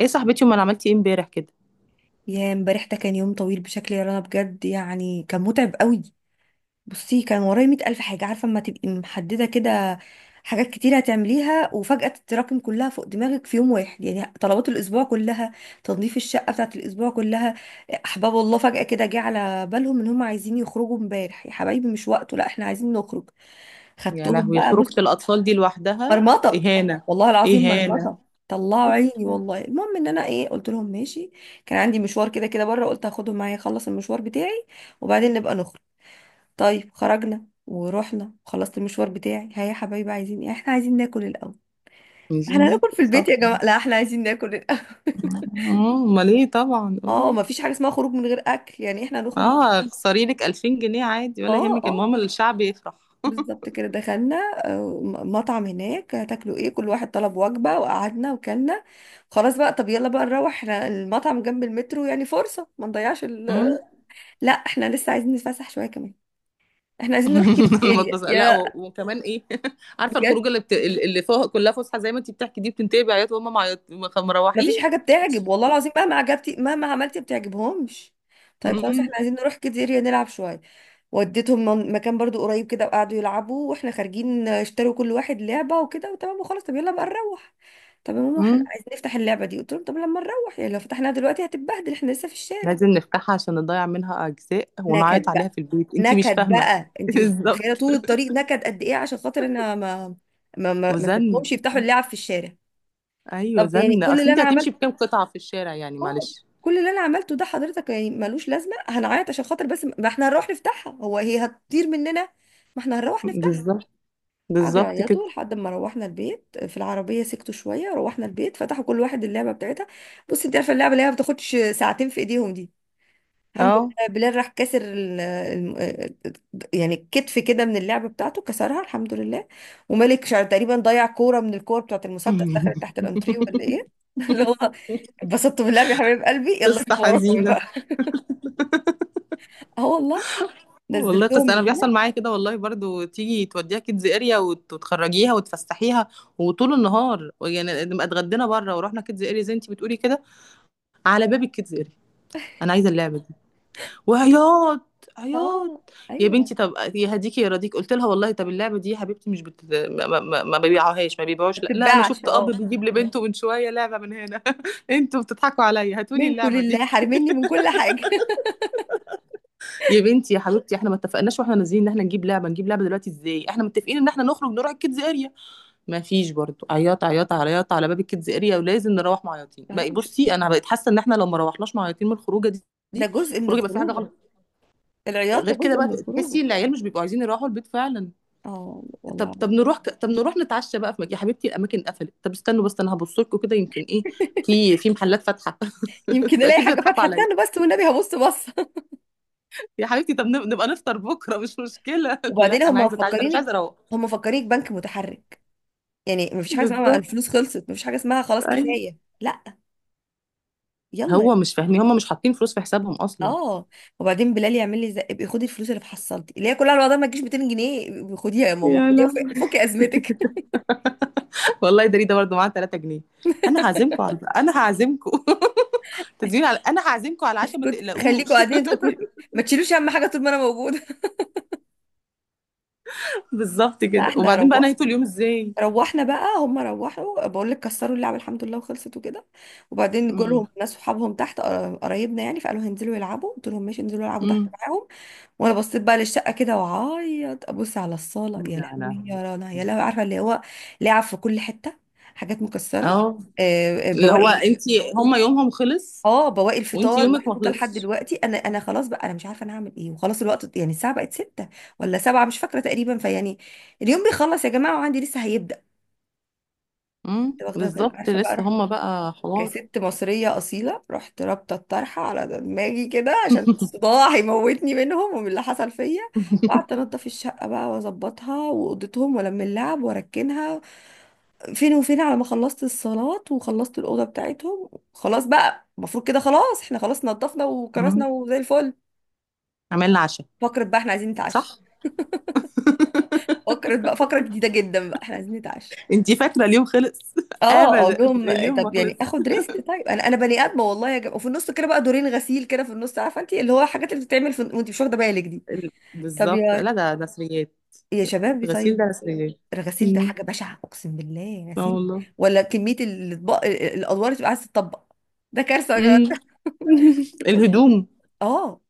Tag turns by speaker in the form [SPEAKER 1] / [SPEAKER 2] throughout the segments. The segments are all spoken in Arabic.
[SPEAKER 1] ايه صاحبتي، امال عملتي ايه امبارح كده؟
[SPEAKER 2] يا امبارح ده كان يوم طويل بشكل يا رنا، بجد يعني كان متعب قوي. بصي، كان ورايا مئة ألف حاجة. عارفة اما تبقي محددة كده، حاجات كتير هتعمليها وفجأة تتراكم كلها فوق دماغك في يوم واحد. يعني طلبات الأسبوع كلها، تنظيف الشقة بتاعت الأسبوع كلها. أحباب الله فجأة كده جه على بالهم إن هم عايزين يخرجوا امبارح. يا حبايبي، مش وقته. لا احنا عايزين نخرج.
[SPEAKER 1] يا
[SPEAKER 2] خدتهم
[SPEAKER 1] لهوي،
[SPEAKER 2] بقى، بص.
[SPEAKER 1] خروجة الاطفال دي لوحدها
[SPEAKER 2] مرمطه.
[SPEAKER 1] اهانة.
[SPEAKER 2] والله العظيم
[SPEAKER 1] اهانة.
[SPEAKER 2] مرمطه. طلعوا عيني والله. المهم ان انا ايه، قلت لهم ماشي. كان عندي مشوار كده كده بره، قلت هاخدهم معايا اخلص المشوار بتاعي وبعدين نبقى نخرج. طيب، خرجنا ورحنا، خلصت المشوار بتاعي. ها يا حبايبي، عايزين ايه؟ احنا عايزين ناكل الاول.
[SPEAKER 1] عايزين
[SPEAKER 2] احنا هناكل
[SPEAKER 1] ناكل
[SPEAKER 2] في البيت يا
[SPEAKER 1] طبعا.
[SPEAKER 2] جماعه. لا، احنا عايزين ناكل الاول.
[SPEAKER 1] امال ايه؟ طبعا
[SPEAKER 2] اه،
[SPEAKER 1] اه.
[SPEAKER 2] ما فيش حاجه اسمها خروج من غير اكل، يعني احنا هنخرج.
[SPEAKER 1] اه، اخسري لك 2000 جنيه عادي ولا
[SPEAKER 2] اه،
[SPEAKER 1] يهمك،
[SPEAKER 2] اه،
[SPEAKER 1] المهم الشعب يفرح.
[SPEAKER 2] بالظبط كده. دخلنا مطعم هناك. هتاكلوا ايه؟ كل واحد طلب وجبة وقعدنا وكلنا. خلاص بقى، طب يلا بقى نروح، احنا المطعم جنب المترو، يعني فرصة ما نضيعش ال...
[SPEAKER 1] مم.
[SPEAKER 2] لا، احنا لسه عايزين نتفسح شوية كمان، احنا عايزين نروح كيدز اريا
[SPEAKER 1] المطبخ، لا
[SPEAKER 2] يا...
[SPEAKER 1] وكمان ايه؟ عارفه
[SPEAKER 2] بجد،
[SPEAKER 1] الخروجه اللي فوق كلها فسحه زي ما انت بتحكي دي بتنتهي بعياط وهم معيط
[SPEAKER 2] ما فيش
[SPEAKER 1] مروحين.
[SPEAKER 2] حاجة بتعجب، والله العظيم مهما عجبتي مهما عملتي ما بتعجبهمش. طيب خلاص،
[SPEAKER 1] مم.
[SPEAKER 2] احنا عايزين نروح كيدز اريا نلعب شوية. وديتهم مكان برضو قريب كده، وقعدوا يلعبوا، واحنا خارجين اشتروا كل واحد لعبة وكده وتمام وخلاص. طب يلا بقى نروح. طب يا ماما، احنا
[SPEAKER 1] مم.
[SPEAKER 2] عايزين نفتح اللعبة دي. قلت لهم طب لما نروح، يعني لو فتحناها دلوقتي هتتبهدل، احنا لسه في الشارع.
[SPEAKER 1] لازم نفتحها عشان نضيع منها اجزاء ونعيط
[SPEAKER 2] نكد
[SPEAKER 1] عليها
[SPEAKER 2] بقى.
[SPEAKER 1] في البيت، انت مش
[SPEAKER 2] نكد
[SPEAKER 1] فاهمه.
[SPEAKER 2] بقى، انت مش متخيلة
[SPEAKER 1] بالظبط.
[SPEAKER 2] طول الطريق نكد قد ايه عشان خاطر انا ما
[SPEAKER 1] وزن.
[SPEAKER 2] سبتهمش يفتحوا اللعب في الشارع.
[SPEAKER 1] ايوه
[SPEAKER 2] طب يعني
[SPEAKER 1] زن،
[SPEAKER 2] كل
[SPEAKER 1] اصل
[SPEAKER 2] اللي
[SPEAKER 1] انت
[SPEAKER 2] انا
[SPEAKER 1] هتمشي
[SPEAKER 2] عملته،
[SPEAKER 1] بكام قطعة في الشارع يعني؟
[SPEAKER 2] اه،
[SPEAKER 1] معلش.
[SPEAKER 2] كل اللي انا عملته ده حضرتك يعني ملوش لازمة؟ هنعيط عشان خاطر بس ما احنا هنروح نفتحها، هو هي هتطير مننا؟ ما احنا هنروح نفتحها.
[SPEAKER 1] بالظبط.
[SPEAKER 2] قعدوا
[SPEAKER 1] بالظبط كده
[SPEAKER 2] يعيطوا لحد ما روحنا البيت، في العربية سكتوا شوية، روحنا البيت فتحوا كل واحد اللعبة بتاعتها. بص، انت عارفة اللعبة اللي هي ما بتاخدش ساعتين في ايديهم دي، الحمد
[SPEAKER 1] اه.
[SPEAKER 2] لله بلال راح كسر ال يعني كتف كده من اللعبة بتاعته، كسرها الحمد لله. وملك شعر تقريبا ضيع كورة من الكور بتاعت المسدس، دخلت تحت الانتريه ولا ايه اللي هو اتبسطت باللعب يا حبيب قلبي، يلا
[SPEAKER 1] قصة
[SPEAKER 2] انتوا وراكم ايه
[SPEAKER 1] حزينة.
[SPEAKER 2] بقى؟ اه والله.
[SPEAKER 1] والله
[SPEAKER 2] نزلتهم
[SPEAKER 1] قصة. أنا
[SPEAKER 2] من هنا.
[SPEAKER 1] بيحصل معايا كده والله برضو، تيجي توديها كيدز اريا وتخرجيها وتفسحيها وطول النهار، يعني نبقى اتغدينا بره ورحنا كيدز اريا زي انت بتقولي كده. على باب الكيدز اريا، أنا عايزة اللعبة، وعياط عياط.
[SPEAKER 2] اه.
[SPEAKER 1] يا
[SPEAKER 2] ايوه،
[SPEAKER 1] بنتي طب يهديكي يرضيك، قلت لها والله طب اللعبه دي يا حبيبتي مش بت... ما بيبيعوهاش، ما
[SPEAKER 2] ما
[SPEAKER 1] بيبيعوش. لا، لا، انا
[SPEAKER 2] بتتباعش،
[SPEAKER 1] شفت اب
[SPEAKER 2] اه.
[SPEAKER 1] بيجيب لبنته من شويه لعبه من هنا. انتوا بتضحكوا عليا، هاتوا لي
[SPEAKER 2] من كل
[SPEAKER 1] اللعبه دي.
[SPEAKER 2] الله حرمني من كل حاجة.
[SPEAKER 1] يا بنتي يا حبيبتي، احنا ما اتفقناش واحنا نازلين ان احنا نجيب لعبه، نجيب لعبه دلوقتي ازاي؟ احنا متفقين ان احنا نخرج نروح الكيدز اريا. ما فيش برضو عياط عياط عياط على باب الكيدز اريا، ولازم نروح معيطين
[SPEAKER 2] اه،
[SPEAKER 1] بقى.
[SPEAKER 2] مش،
[SPEAKER 1] بصي انا بقيت حاسه ان احنا لو ما روحناش معيطين من الخروجه
[SPEAKER 2] ده
[SPEAKER 1] دي،
[SPEAKER 2] جزء من
[SPEAKER 1] الخروجه يبقى في حاجه
[SPEAKER 2] الخروجه.
[SPEAKER 1] غلط.
[SPEAKER 2] العياط ده
[SPEAKER 1] غير كده
[SPEAKER 2] جزء
[SPEAKER 1] بقى
[SPEAKER 2] من الخروجه.
[SPEAKER 1] تحسي ان العيال مش بيبقوا عايزين يروحوا البيت فعلا.
[SPEAKER 2] اه
[SPEAKER 1] طب
[SPEAKER 2] والله
[SPEAKER 1] طب
[SPEAKER 2] العظيم.
[SPEAKER 1] نروح طب نروح نتعشى بقى في مكان. يا حبيبتي الاماكن قفلت، طب استنوا بس انا هبص لكم كده، يمكن ايه في في محلات فاتحه.
[SPEAKER 2] يمكن
[SPEAKER 1] انتوا
[SPEAKER 2] الاقي
[SPEAKER 1] اكيد
[SPEAKER 2] حاجه
[SPEAKER 1] بتضحكوا
[SPEAKER 2] فاتحه،
[SPEAKER 1] عليا.
[SPEAKER 2] استنى بس والنبي هبص، بص.
[SPEAKER 1] يا حبيبتي طب نبقى نفطر بكره، مش مشكله.
[SPEAKER 2] وبعدين
[SPEAKER 1] لا
[SPEAKER 2] هم
[SPEAKER 1] انا عايزه اتعشى، انا مش
[SPEAKER 2] مفكرينك،
[SPEAKER 1] عايزه اروح.
[SPEAKER 2] هم مفكرينك بنك متحرك. يعني مفيش حاجه اسمها
[SPEAKER 1] بالظبط.
[SPEAKER 2] الفلوس خلصت، مفيش حاجه اسمها خلاص
[SPEAKER 1] ايوه.
[SPEAKER 2] كفايه، لا. يلا.
[SPEAKER 1] هو مش فاهمين، هم مش حاطين فلوس في حسابهم اصلا.
[SPEAKER 2] اه، وبعدين بلال يعمل لي زق، ابقي خدي الفلوس اللي في حصلتي اللي هي كلها الوضع ما تجيش 200 جنيه، ابقي خديها يا ماما،
[SPEAKER 1] يا
[SPEAKER 2] خديها
[SPEAKER 1] لا،
[SPEAKER 2] فكي ازمتك.
[SPEAKER 1] والله ده، ده برضه معاه 3 جنيه. انا هعزمكم على، انا هعزمكم. تزيين، على انا هعزمكم على العشاء، ما
[SPEAKER 2] خليكوا
[SPEAKER 1] تقلقوش.
[SPEAKER 2] قاعدين انتوا، ما تشيلوش، اهم حاجه طول ما انا موجوده.
[SPEAKER 1] بالظبط
[SPEAKER 2] لا
[SPEAKER 1] كده.
[SPEAKER 2] احنا
[SPEAKER 1] وبعدين بقى
[SPEAKER 2] روقنا.
[SPEAKER 1] نهيتوا اليوم ازاي؟
[SPEAKER 2] روحنا بقى، هم روحوا بقول لك كسروا اللعبه الحمد لله، وخلصت وكده. وبعدين جولهم
[SPEAKER 1] امم.
[SPEAKER 2] ناس صحابهم تحت، قرايبنا يعني، فقالوا هينزلوا يلعبوا، قلت لهم ماشي انزلوا العبوا تحت
[SPEAKER 1] امم.
[SPEAKER 2] معاهم. وانا بصيت بقى للشقه كده وعيط، ابص على الصاله، يا
[SPEAKER 1] يا
[SPEAKER 2] لهوي
[SPEAKER 1] لهوي.
[SPEAKER 2] يا رنا، يا لهوي، عارفه اللي هو لعب في كل حته، حاجات مكسره،
[SPEAKER 1] اه، اللي هو
[SPEAKER 2] بواقي.
[SPEAKER 1] انت. هم يومهم خلص
[SPEAKER 2] اه، بواقي
[SPEAKER 1] وانت
[SPEAKER 2] الفطار
[SPEAKER 1] يومك ما
[SPEAKER 2] محطوطه لحد
[SPEAKER 1] خلصش.
[SPEAKER 2] دلوقتي. انا خلاص بقى، انا مش عارفه انا هعمل ايه، وخلاص الوقت يعني الساعه بقت 6 ولا 7 مش فاكره تقريبا، فيعني اليوم بيخلص يا جماعه وعندي لسه هيبدا. كنت
[SPEAKER 1] امم،
[SPEAKER 2] واخده بالي.
[SPEAKER 1] بالظبط
[SPEAKER 2] عارفه بقى
[SPEAKER 1] لسه
[SPEAKER 2] رحت
[SPEAKER 1] هم بقى حوار.
[SPEAKER 2] كست مصرية أصيلة، رحت رابطة الطرحة على دماغي كده عشان الصداع هيموتني منهم ومن اللي حصل فيا. قعدت أنضف الشقة بقى وأظبطها، وأوضتهم وألم اللعب وأركنها. فين وفين على ما خلصت الصلاة وخلصت الأوضة بتاعتهم. خلاص بقى، المفروض كده خلاص احنا خلاص نضفنا
[SPEAKER 1] مم.
[SPEAKER 2] وكرسنا وزي الفل.
[SPEAKER 1] عملنا عشاء.
[SPEAKER 2] فكرة بقى، احنا عايزين نتعشى.
[SPEAKER 1] صح.
[SPEAKER 2] فكرة بقى، فكرة جديدة جدا بقى، احنا عايزين نتعشى.
[SPEAKER 1] انت فاكره اليوم خلص؟
[SPEAKER 2] اه، اقول
[SPEAKER 1] ابدا،
[SPEAKER 2] لهم
[SPEAKER 1] اليوم ما
[SPEAKER 2] طب يعني
[SPEAKER 1] خلص.
[SPEAKER 2] اخد ريسك. طيب، انا بني ادمه والله يا جماعه، وفي النص كده بقى دورين غسيل كده في النص، عارفه انت اللي هو الحاجات اللي بتتعمل في... وانت مش واخده بالك دي. طب
[SPEAKER 1] بالظبط. لا
[SPEAKER 2] يا،
[SPEAKER 1] ده نسريات.
[SPEAKER 2] يا شباب،
[SPEAKER 1] غسيل ده
[SPEAKER 2] طيب
[SPEAKER 1] نسريات.
[SPEAKER 2] الغسيل ده
[SPEAKER 1] امم.
[SPEAKER 2] حاجه بشعه، اقسم بالله
[SPEAKER 1] اه
[SPEAKER 2] غسيل،
[SPEAKER 1] والله.
[SPEAKER 2] ولا كميه الاطباق، الادوار اللي بتبقى عايزه تطبق، ده كارثه يا جماعه.
[SPEAKER 1] امم.
[SPEAKER 2] قلت له،
[SPEAKER 1] الهدوم،
[SPEAKER 2] اه،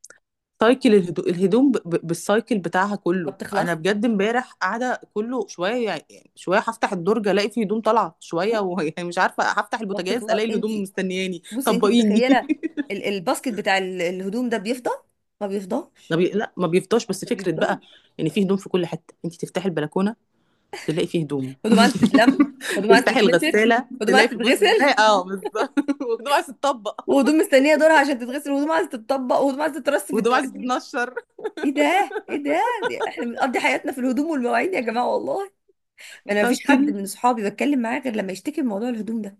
[SPEAKER 1] سايكل الهدوم بالسايكل بتاعها
[SPEAKER 2] ما
[SPEAKER 1] كله.
[SPEAKER 2] بتخلص.
[SPEAKER 1] انا بجد امبارح قاعده كله شويه، يعني شويه هفتح الدرج الاقي فيه هدوم طالعه شويه،
[SPEAKER 2] اه
[SPEAKER 1] و... يعني مش عارفه هفتح
[SPEAKER 2] ما
[SPEAKER 1] البوتاجاز
[SPEAKER 2] بتخلص
[SPEAKER 1] الاقي
[SPEAKER 2] انت.
[SPEAKER 1] الهدوم مستنياني
[SPEAKER 2] بصي انت
[SPEAKER 1] طبقيني.
[SPEAKER 2] متخيله الباسكت بتاع الهدوم ده بيفضى؟ ما
[SPEAKER 1] ما
[SPEAKER 2] بيفضاش.
[SPEAKER 1] بي... لا ما بيفضاش، بس
[SPEAKER 2] ما
[SPEAKER 1] فكره بقى
[SPEAKER 2] بيفضاش.
[SPEAKER 1] يعني في هدوم في كل حته. انت تفتحي البلكونه تلاقي فيه هدوم،
[SPEAKER 2] هدوم عايزة تتلم، هدوم عايزة
[SPEAKER 1] تفتحي
[SPEAKER 2] تتنشر،
[SPEAKER 1] الغساله
[SPEAKER 2] هدوم
[SPEAKER 1] تلاقي
[SPEAKER 2] عايزة
[SPEAKER 1] في، بص تفتحي
[SPEAKER 2] تتغسل،
[SPEAKER 1] اه بالظبط. وهدوم عايزه تطبق
[SPEAKER 2] وهدوم مستنية دورها عشان تتغسل، وهدوم عايزة تتطبق، وهدوم عايزة تترص في
[SPEAKER 1] وهدوم عايزه
[SPEAKER 2] الدواليب.
[SPEAKER 1] تتنشر.
[SPEAKER 2] ايه ده؟ ايه ده احنا بنقضي حياتنا في الهدوم والمواعين يا جماعة والله. انا مفيش حد
[SPEAKER 1] سايكل.
[SPEAKER 2] من صحابي بتكلم معاه غير لما يشتكي من موضوع الهدوم ده.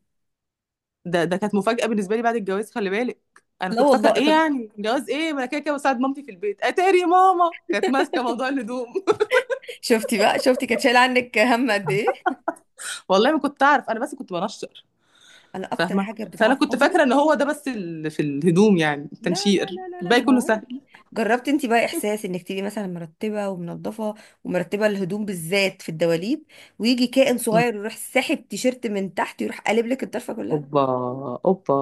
[SPEAKER 1] ده، ده كانت مفاجأة بالنسبة لي بعد الجواز، خلي بالك. انا
[SPEAKER 2] لا
[SPEAKER 1] كنت فاكرة
[SPEAKER 2] والله.
[SPEAKER 1] ايه يعني جواز؟ ايه ما انا كده كده بساعد مامتي في البيت، اتاري ماما كانت ماسكة موضوع الهدوم.
[SPEAKER 2] شفتي بقى، شفتي كانت شايله عنك هم قد ايه.
[SPEAKER 1] والله ما كنت اعرف، انا بس كنت بنشر.
[SPEAKER 2] انا اكتر
[SPEAKER 1] فاهمة،
[SPEAKER 2] حاجه
[SPEAKER 1] فانا كنت
[SPEAKER 2] بتعصبني،
[SPEAKER 1] فاكرة ان هو ده بس في الهدوم، يعني
[SPEAKER 2] لا لا
[SPEAKER 1] التنشير
[SPEAKER 2] لا لا لا،
[SPEAKER 1] الباقي
[SPEAKER 2] ده
[SPEAKER 1] كله
[SPEAKER 2] موال.
[SPEAKER 1] سهل.
[SPEAKER 2] جربت انت بقى احساس انك تبقي مثلا مرتبه ومنظفه، ومرتبه الهدوم بالذات في الدواليب، ويجي كائن
[SPEAKER 1] م.
[SPEAKER 2] صغير يروح ساحب تيشيرت من تحت، يروح قالب لك الطرفه كلها؟
[SPEAKER 1] اوبا. اوبا،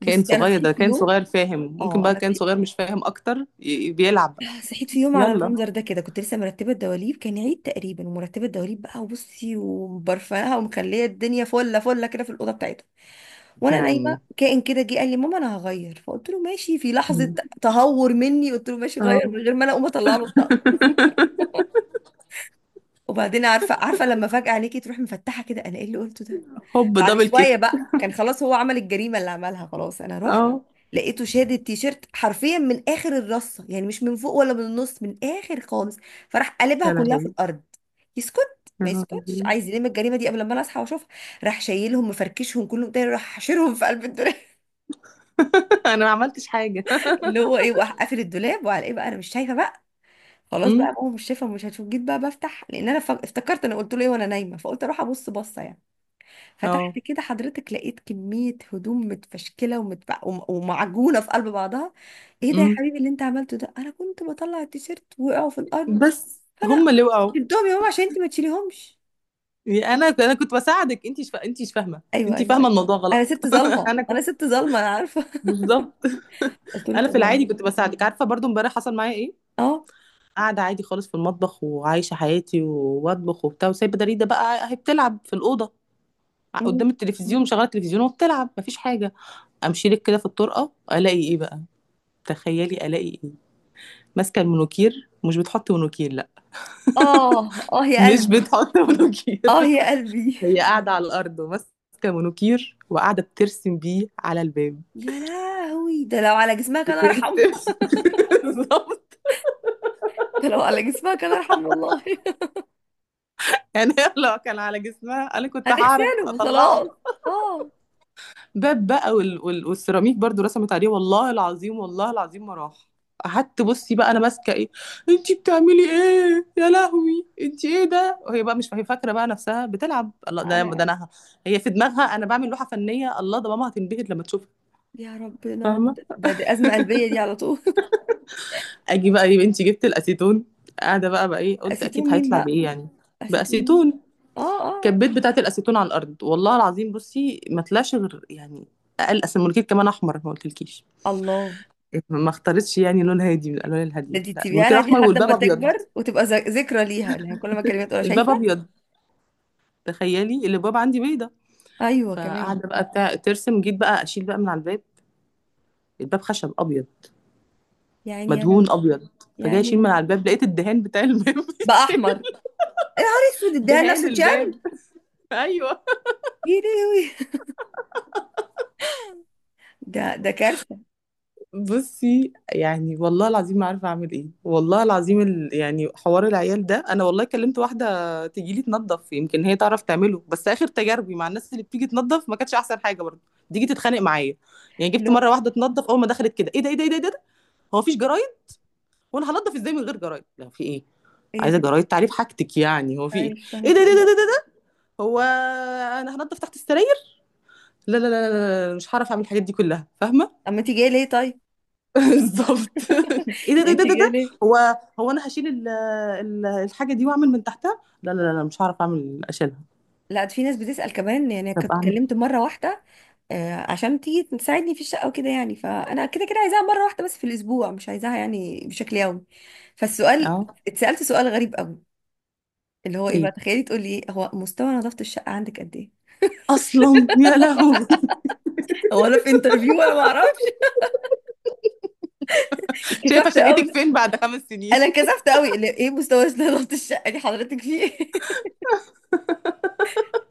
[SPEAKER 1] كائن
[SPEAKER 2] بصي انا
[SPEAKER 1] صغير
[SPEAKER 2] صحيت
[SPEAKER 1] ده
[SPEAKER 2] في
[SPEAKER 1] كائن
[SPEAKER 2] يوم،
[SPEAKER 1] صغير فاهم، ممكن
[SPEAKER 2] اه
[SPEAKER 1] بقى
[SPEAKER 2] انا
[SPEAKER 1] كائن
[SPEAKER 2] صحيت
[SPEAKER 1] صغير مش فاهم اكتر بيلعب بقى.
[SPEAKER 2] صحيت في يوم على
[SPEAKER 1] يلا.
[SPEAKER 2] المنظر ده كده. كنت لسه مرتبه الدواليب، كان عيد تقريبا، ومرتبه الدواليب بقى، وبصي ومبرفانها ومخليه الدنيا فله فله كده في الاوضه بتاعتها.
[SPEAKER 1] يا
[SPEAKER 2] وانا نايمه
[SPEAKER 1] عيني.
[SPEAKER 2] كائن كده جه قال لي: ماما انا هغير. فقلت له ماشي، في لحظه
[SPEAKER 1] م.
[SPEAKER 2] تهور مني قلت له ماشي
[SPEAKER 1] اه.
[SPEAKER 2] غير، من غير ما انا اقوم اطلع له. وبعدين عارفه، عارفه لما فجاه عليكي تروح مفتحه كده، انا ايه اللي قلته ده؟
[SPEAKER 1] هوب
[SPEAKER 2] بعد
[SPEAKER 1] دبل
[SPEAKER 2] شويه
[SPEAKER 1] كيك.
[SPEAKER 2] بقى، كان خلاص هو عمل الجريمه اللي عملها، خلاص. انا رحت
[SPEAKER 1] اه
[SPEAKER 2] لقيته شاد التيشيرت حرفيا من اخر الرصه، يعني مش من فوق ولا من النص، من اخر خالص، فراح قلبها
[SPEAKER 1] يا
[SPEAKER 2] كلها في
[SPEAKER 1] لهوي.
[SPEAKER 2] الارض. يسكت؟
[SPEAKER 1] يا
[SPEAKER 2] ما يسكتش،
[SPEAKER 1] لهوي.
[SPEAKER 2] عايز يلم الجريمه دي قبل ما انا اصحى واشوفها. راح شايلهم مفركشهم كلهم تاني، راح حاشرهم في قلب الدولاب
[SPEAKER 1] انا ما عملتش حاجه.
[SPEAKER 2] اللي هو ايه، وراح قافل الدولاب، وعلى ايه بقى، انا مش شايفه بقى. خلاص
[SPEAKER 1] امم.
[SPEAKER 2] بقى ماما مش شايفه، مش هتشوف. جيت بقى بفتح لان انا افتكرت انا قلت له ايه وانا نايمه، فقلت اروح ابص بصه يعني.
[SPEAKER 1] اه.
[SPEAKER 2] فتحت كده حضرتك، لقيت كمية هدوم متفشكلة ومعجونة في قلب بعضها. ايه ده يا
[SPEAKER 1] امم.
[SPEAKER 2] حبيبي اللي انت عملته ده؟ انا كنت بطلع التيشيرت وقعوا في الارض،
[SPEAKER 1] بس هم
[SPEAKER 2] فانا
[SPEAKER 1] اللي وقعوا.
[SPEAKER 2] شلتهم يا ماما عشان انت ما تشيليهمش.
[SPEAKER 1] يعني انا، انا كنت بساعدك، انت مش فاهمه.
[SPEAKER 2] ايوه،
[SPEAKER 1] انت
[SPEAKER 2] ايوه،
[SPEAKER 1] فاهمه
[SPEAKER 2] ايوه،
[SPEAKER 1] الموضوع
[SPEAKER 2] انا
[SPEAKER 1] غلط.
[SPEAKER 2] ست ظالمة،
[SPEAKER 1] انا
[SPEAKER 2] انا
[SPEAKER 1] كنت
[SPEAKER 2] ست ظالمة، انا عارفة.
[SPEAKER 1] بالظبط.
[SPEAKER 2] قلت له
[SPEAKER 1] انا في
[SPEAKER 2] طب
[SPEAKER 1] العادي
[SPEAKER 2] يعني،
[SPEAKER 1] كنت بساعدك. عارفه برضو امبارح حصل معايا ايه؟
[SPEAKER 2] اه.
[SPEAKER 1] قاعده عادي خالص في المطبخ وعايشه حياتي وبطبخ وبتاع، وسايبه دريده بقى هي بتلعب في الاوضه
[SPEAKER 2] مم.
[SPEAKER 1] قدام التلفزيون، مشغله التلفزيون وبتلعب، مفيش حاجه. امشي لك كده في الطرقه الاقي ايه بقى، تخيلي الاقي ايه. ماسكه المونوكير. مش بتحط مونوكير، لا.
[SPEAKER 2] اه، اه يا
[SPEAKER 1] مش
[SPEAKER 2] قلبي،
[SPEAKER 1] بتحط مونوكير.
[SPEAKER 2] اه يا قلبي.
[SPEAKER 1] هي قاعدة على الأرض وماسكة مونوكير وقاعدة بترسم بيه على الباب.
[SPEAKER 2] يا لهوي، ده لو على جسمها كان ارحم.
[SPEAKER 1] بترسم. بالظبط.
[SPEAKER 2] ده لو على جسمها كان ارحم والله.
[SPEAKER 1] يعني هي لو كان على جسمها أنا كنت هعرف
[SPEAKER 2] هنغسله
[SPEAKER 1] أطلعه.
[SPEAKER 2] وخلاص، اه.
[SPEAKER 1] باب بقى والسيراميك برضو رسمت عليه. والله العظيم، والله العظيم ما راح. قعدت بصي بقى انا ماسكه ايه. انتي بتعملي ايه يا لهوي، انتي ايه ده؟ وهي بقى مش، هي فاكره بقى نفسها بتلعب، الله ده، ده
[SPEAKER 2] انا،
[SPEAKER 1] انا، هي في دماغها انا بعمل لوحه فنيه، الله ده ماما هتنبهر لما تشوفها.
[SPEAKER 2] يا ربنا،
[SPEAKER 1] فاهمه.
[SPEAKER 2] ده أزمة قلبية دي على طول.
[SPEAKER 1] اجي بقى يا بنتي جبت الاسيتون. قاعده بقى، بقى ايه قلت، اكيد
[SPEAKER 2] أسيتون مين
[SPEAKER 1] هيطلع
[SPEAKER 2] بقى؟
[SPEAKER 1] بايه يعني.
[SPEAKER 2] أسيتون مين؟
[SPEAKER 1] باسيتون.
[SPEAKER 2] آه، آه،
[SPEAKER 1] كبيت بتاعه الاسيتون على الارض، والله العظيم بصي ما طلعش غير يعني اقل. اصل المنكير كمان احمر، ما قلتلكيش،
[SPEAKER 2] الله.
[SPEAKER 1] ما اختارتش يعني لون هادي من الالوان
[SPEAKER 2] ده
[SPEAKER 1] الهاديه،
[SPEAKER 2] دي
[SPEAKER 1] لا
[SPEAKER 2] تسيبيها
[SPEAKER 1] المنكير
[SPEAKER 2] لها دي
[SPEAKER 1] احمر
[SPEAKER 2] لحد ما
[SPEAKER 1] والباب ابيض.
[SPEAKER 2] تكبر وتبقى ذكرى ليها لها، كل ما كلمات تقولها
[SPEAKER 1] الباب
[SPEAKER 2] شايفة.
[SPEAKER 1] ابيض، تخيلي اللي الباب عندي بيضه.
[SPEAKER 2] أيوة كمان.
[SPEAKER 1] فقاعده بقى بتاع ترسم، جيت بقى اشيل بقى من على الباب. الباب خشب ابيض
[SPEAKER 2] يعني يا
[SPEAKER 1] مدهون
[SPEAKER 2] رب.
[SPEAKER 1] ابيض. فجاي
[SPEAKER 2] يعني
[SPEAKER 1] اشيل
[SPEAKER 2] يا
[SPEAKER 1] من على
[SPEAKER 2] رب.
[SPEAKER 1] الباب لقيت الدهان بتاع الباب
[SPEAKER 2] بقى
[SPEAKER 1] بيتشال.
[SPEAKER 2] أحمر؟ يا نهار أسود، اديها
[SPEAKER 1] دهان
[SPEAKER 2] لنفسه
[SPEAKER 1] الباب.
[SPEAKER 2] جان
[SPEAKER 1] ايوه.
[SPEAKER 2] يديوي. ده ده كارثة.
[SPEAKER 1] بصي يعني والله العظيم ما عارفه اعمل ايه، والله العظيم يعني حوار العيال ده انا والله كلمت واحده تجيلي تنظف يمكن هي تعرف تعمله، بس اخر تجاربي مع الناس اللي بتيجي تنظف ما كانتش احسن حاجه برضه. تيجي تتخانق معايا. يعني
[SPEAKER 2] اللي
[SPEAKER 1] جبت
[SPEAKER 2] هو
[SPEAKER 1] مره واحده تنظف، اول ما دخلت كده: ايه ده، ايه ده، ايه ده, إيه ده؟ هو مفيش جرايد وانا هنضف ازاي من غير جرايد؟ لا في ايه،
[SPEAKER 2] هي
[SPEAKER 1] عايزه
[SPEAKER 2] ست.
[SPEAKER 1] جرايد تعريف حاجتك يعني، هو في
[SPEAKER 2] أنا
[SPEAKER 1] ايه؟
[SPEAKER 2] مش فاهمة
[SPEAKER 1] ايه ده،
[SPEAKER 2] في
[SPEAKER 1] ايه ده، ايه ده,
[SPEAKER 2] إيه.
[SPEAKER 1] إيه ده, إيه ده؟ هو انا هنضف تحت السراير؟ لا لا لا لا لا، مش هعرف اعمل الحاجات دي كلها، فاهمه.
[SPEAKER 2] أما أنت جاية ليه طيب؟
[SPEAKER 1] بالظبط. ايه ده ده
[SPEAKER 2] أنت
[SPEAKER 1] ده ده
[SPEAKER 2] جاية
[SPEAKER 1] ده.
[SPEAKER 2] ليه؟
[SPEAKER 1] هو، هو انا هشيل الحاجه دي واعمل من تحتها؟ لا لا لا لا، مش هعرف اعمل اشيلها.
[SPEAKER 2] لا، ده في ناس بتسأل كمان. يعني كنت
[SPEAKER 1] طب اعمل
[SPEAKER 2] اتكلمت مرة واحدة عشان تيجي تساعدني في الشقة وكده، يعني فأنا كده كده عايزاها مرة واحدة بس في الأسبوع، مش عايزاها يعني بشكل يومي.
[SPEAKER 1] إيه؟
[SPEAKER 2] فالسؤال،
[SPEAKER 1] اه.
[SPEAKER 2] اتسألت سؤال غريب قوي، اللي هو ايه بقى،
[SPEAKER 1] ايه
[SPEAKER 2] تخيلي تقولي ايه: هو مستوى نظافة الشقة عندك قد ايه؟
[SPEAKER 1] اصلا يا لهوي.
[SPEAKER 2] هو انا في انترفيو؟ انا ما اعرفش.
[SPEAKER 1] شايفه
[SPEAKER 2] اتكسفت
[SPEAKER 1] شقتك
[SPEAKER 2] قوي.
[SPEAKER 1] فين بعد 5 سنين؟
[SPEAKER 2] انا اتكسفت قوي، اللي ايه مستوى نظافة الشقة دي حضرتك فيه.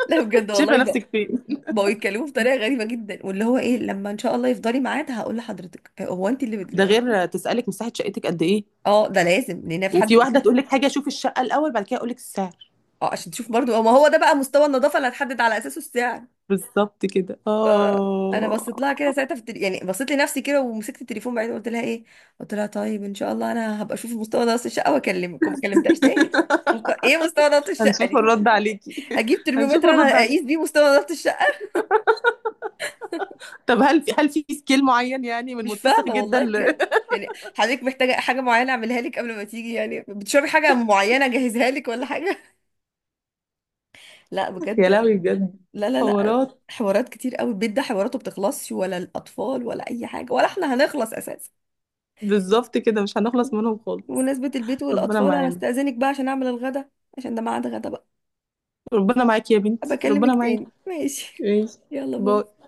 [SPEAKER 2] لا بجد
[SPEAKER 1] شايفه
[SPEAKER 2] والله بقى،
[SPEAKER 1] نفسك فين؟
[SPEAKER 2] بقوا يتكلموا بطريقة غريبة جدا، واللي هو ايه لما ان شاء الله يفضلي ميعاد هقول لحضرتك هو انت اللي بت...
[SPEAKER 1] ده غير تسالك مساحه شقتك قد ايه.
[SPEAKER 2] اه ده لازم، لان في حد.
[SPEAKER 1] وفي واحده تقول لك حاجه، شوف الشقه الاول بعد كده اقول لك السعر.
[SPEAKER 2] اه، عشان تشوف برضو، ما هو ده بقى مستوى النظافه اللي هتحدد على اساسه السعر.
[SPEAKER 1] بالظبط كده
[SPEAKER 2] انا بصيت لها
[SPEAKER 1] اه.
[SPEAKER 2] كده ساعتها في التل... يعني بصيت لنفسي كده، ومسكت التليفون بعيد، قلت لها ايه. قلت لها طيب ان شاء الله انا هبقى اشوف مستوى نظافه الشقه واكلمك. وما كلمتهاش تاني. ايه مستوى نظافه الشقه
[SPEAKER 1] هنشوف
[SPEAKER 2] دي؟
[SPEAKER 1] الرد عليكي.
[SPEAKER 2] هجيب
[SPEAKER 1] هنشوف
[SPEAKER 2] ترمومتر انا
[SPEAKER 1] الرد عليكي.
[SPEAKER 2] اقيس بيه مستوى نظافه الشقه؟
[SPEAKER 1] طب هل في، هل في سكيل معين يعني من
[SPEAKER 2] مش
[SPEAKER 1] متسخ
[SPEAKER 2] فاهمه
[SPEAKER 1] جدا؟
[SPEAKER 2] والله بجد. يعني حضرتك محتاجه حاجه معينه اعملها لك قبل ما تيجي؟ يعني بتشربي حاجه معينه اجهزها لك ولا حاجه؟ لا بجد.
[SPEAKER 1] يا لهوي بجد.
[SPEAKER 2] لا، لا، لا،
[SPEAKER 1] حوارات.
[SPEAKER 2] حوارات كتير قوي، البيت ده حواراته بتخلصش ولا الأطفال ولا أي حاجة ولا احنا هنخلص أساسا.
[SPEAKER 1] بالظبط كده، مش هنخلص منهم خالص.
[SPEAKER 2] بمناسبة البيت
[SPEAKER 1] ربنا
[SPEAKER 2] والأطفال، أنا
[SPEAKER 1] معانا.
[SPEAKER 2] استأذنك بقى عشان أعمل الغدا، عشان ده ميعاد غدا بقى.
[SPEAKER 1] ربنا معاكي يا بنتي،
[SPEAKER 2] بكلمك
[SPEAKER 1] ربنا معاكي.
[SPEAKER 2] تاني ماشي؟
[SPEAKER 1] ماشي.
[SPEAKER 2] يلا،
[SPEAKER 1] باي.
[SPEAKER 2] باي.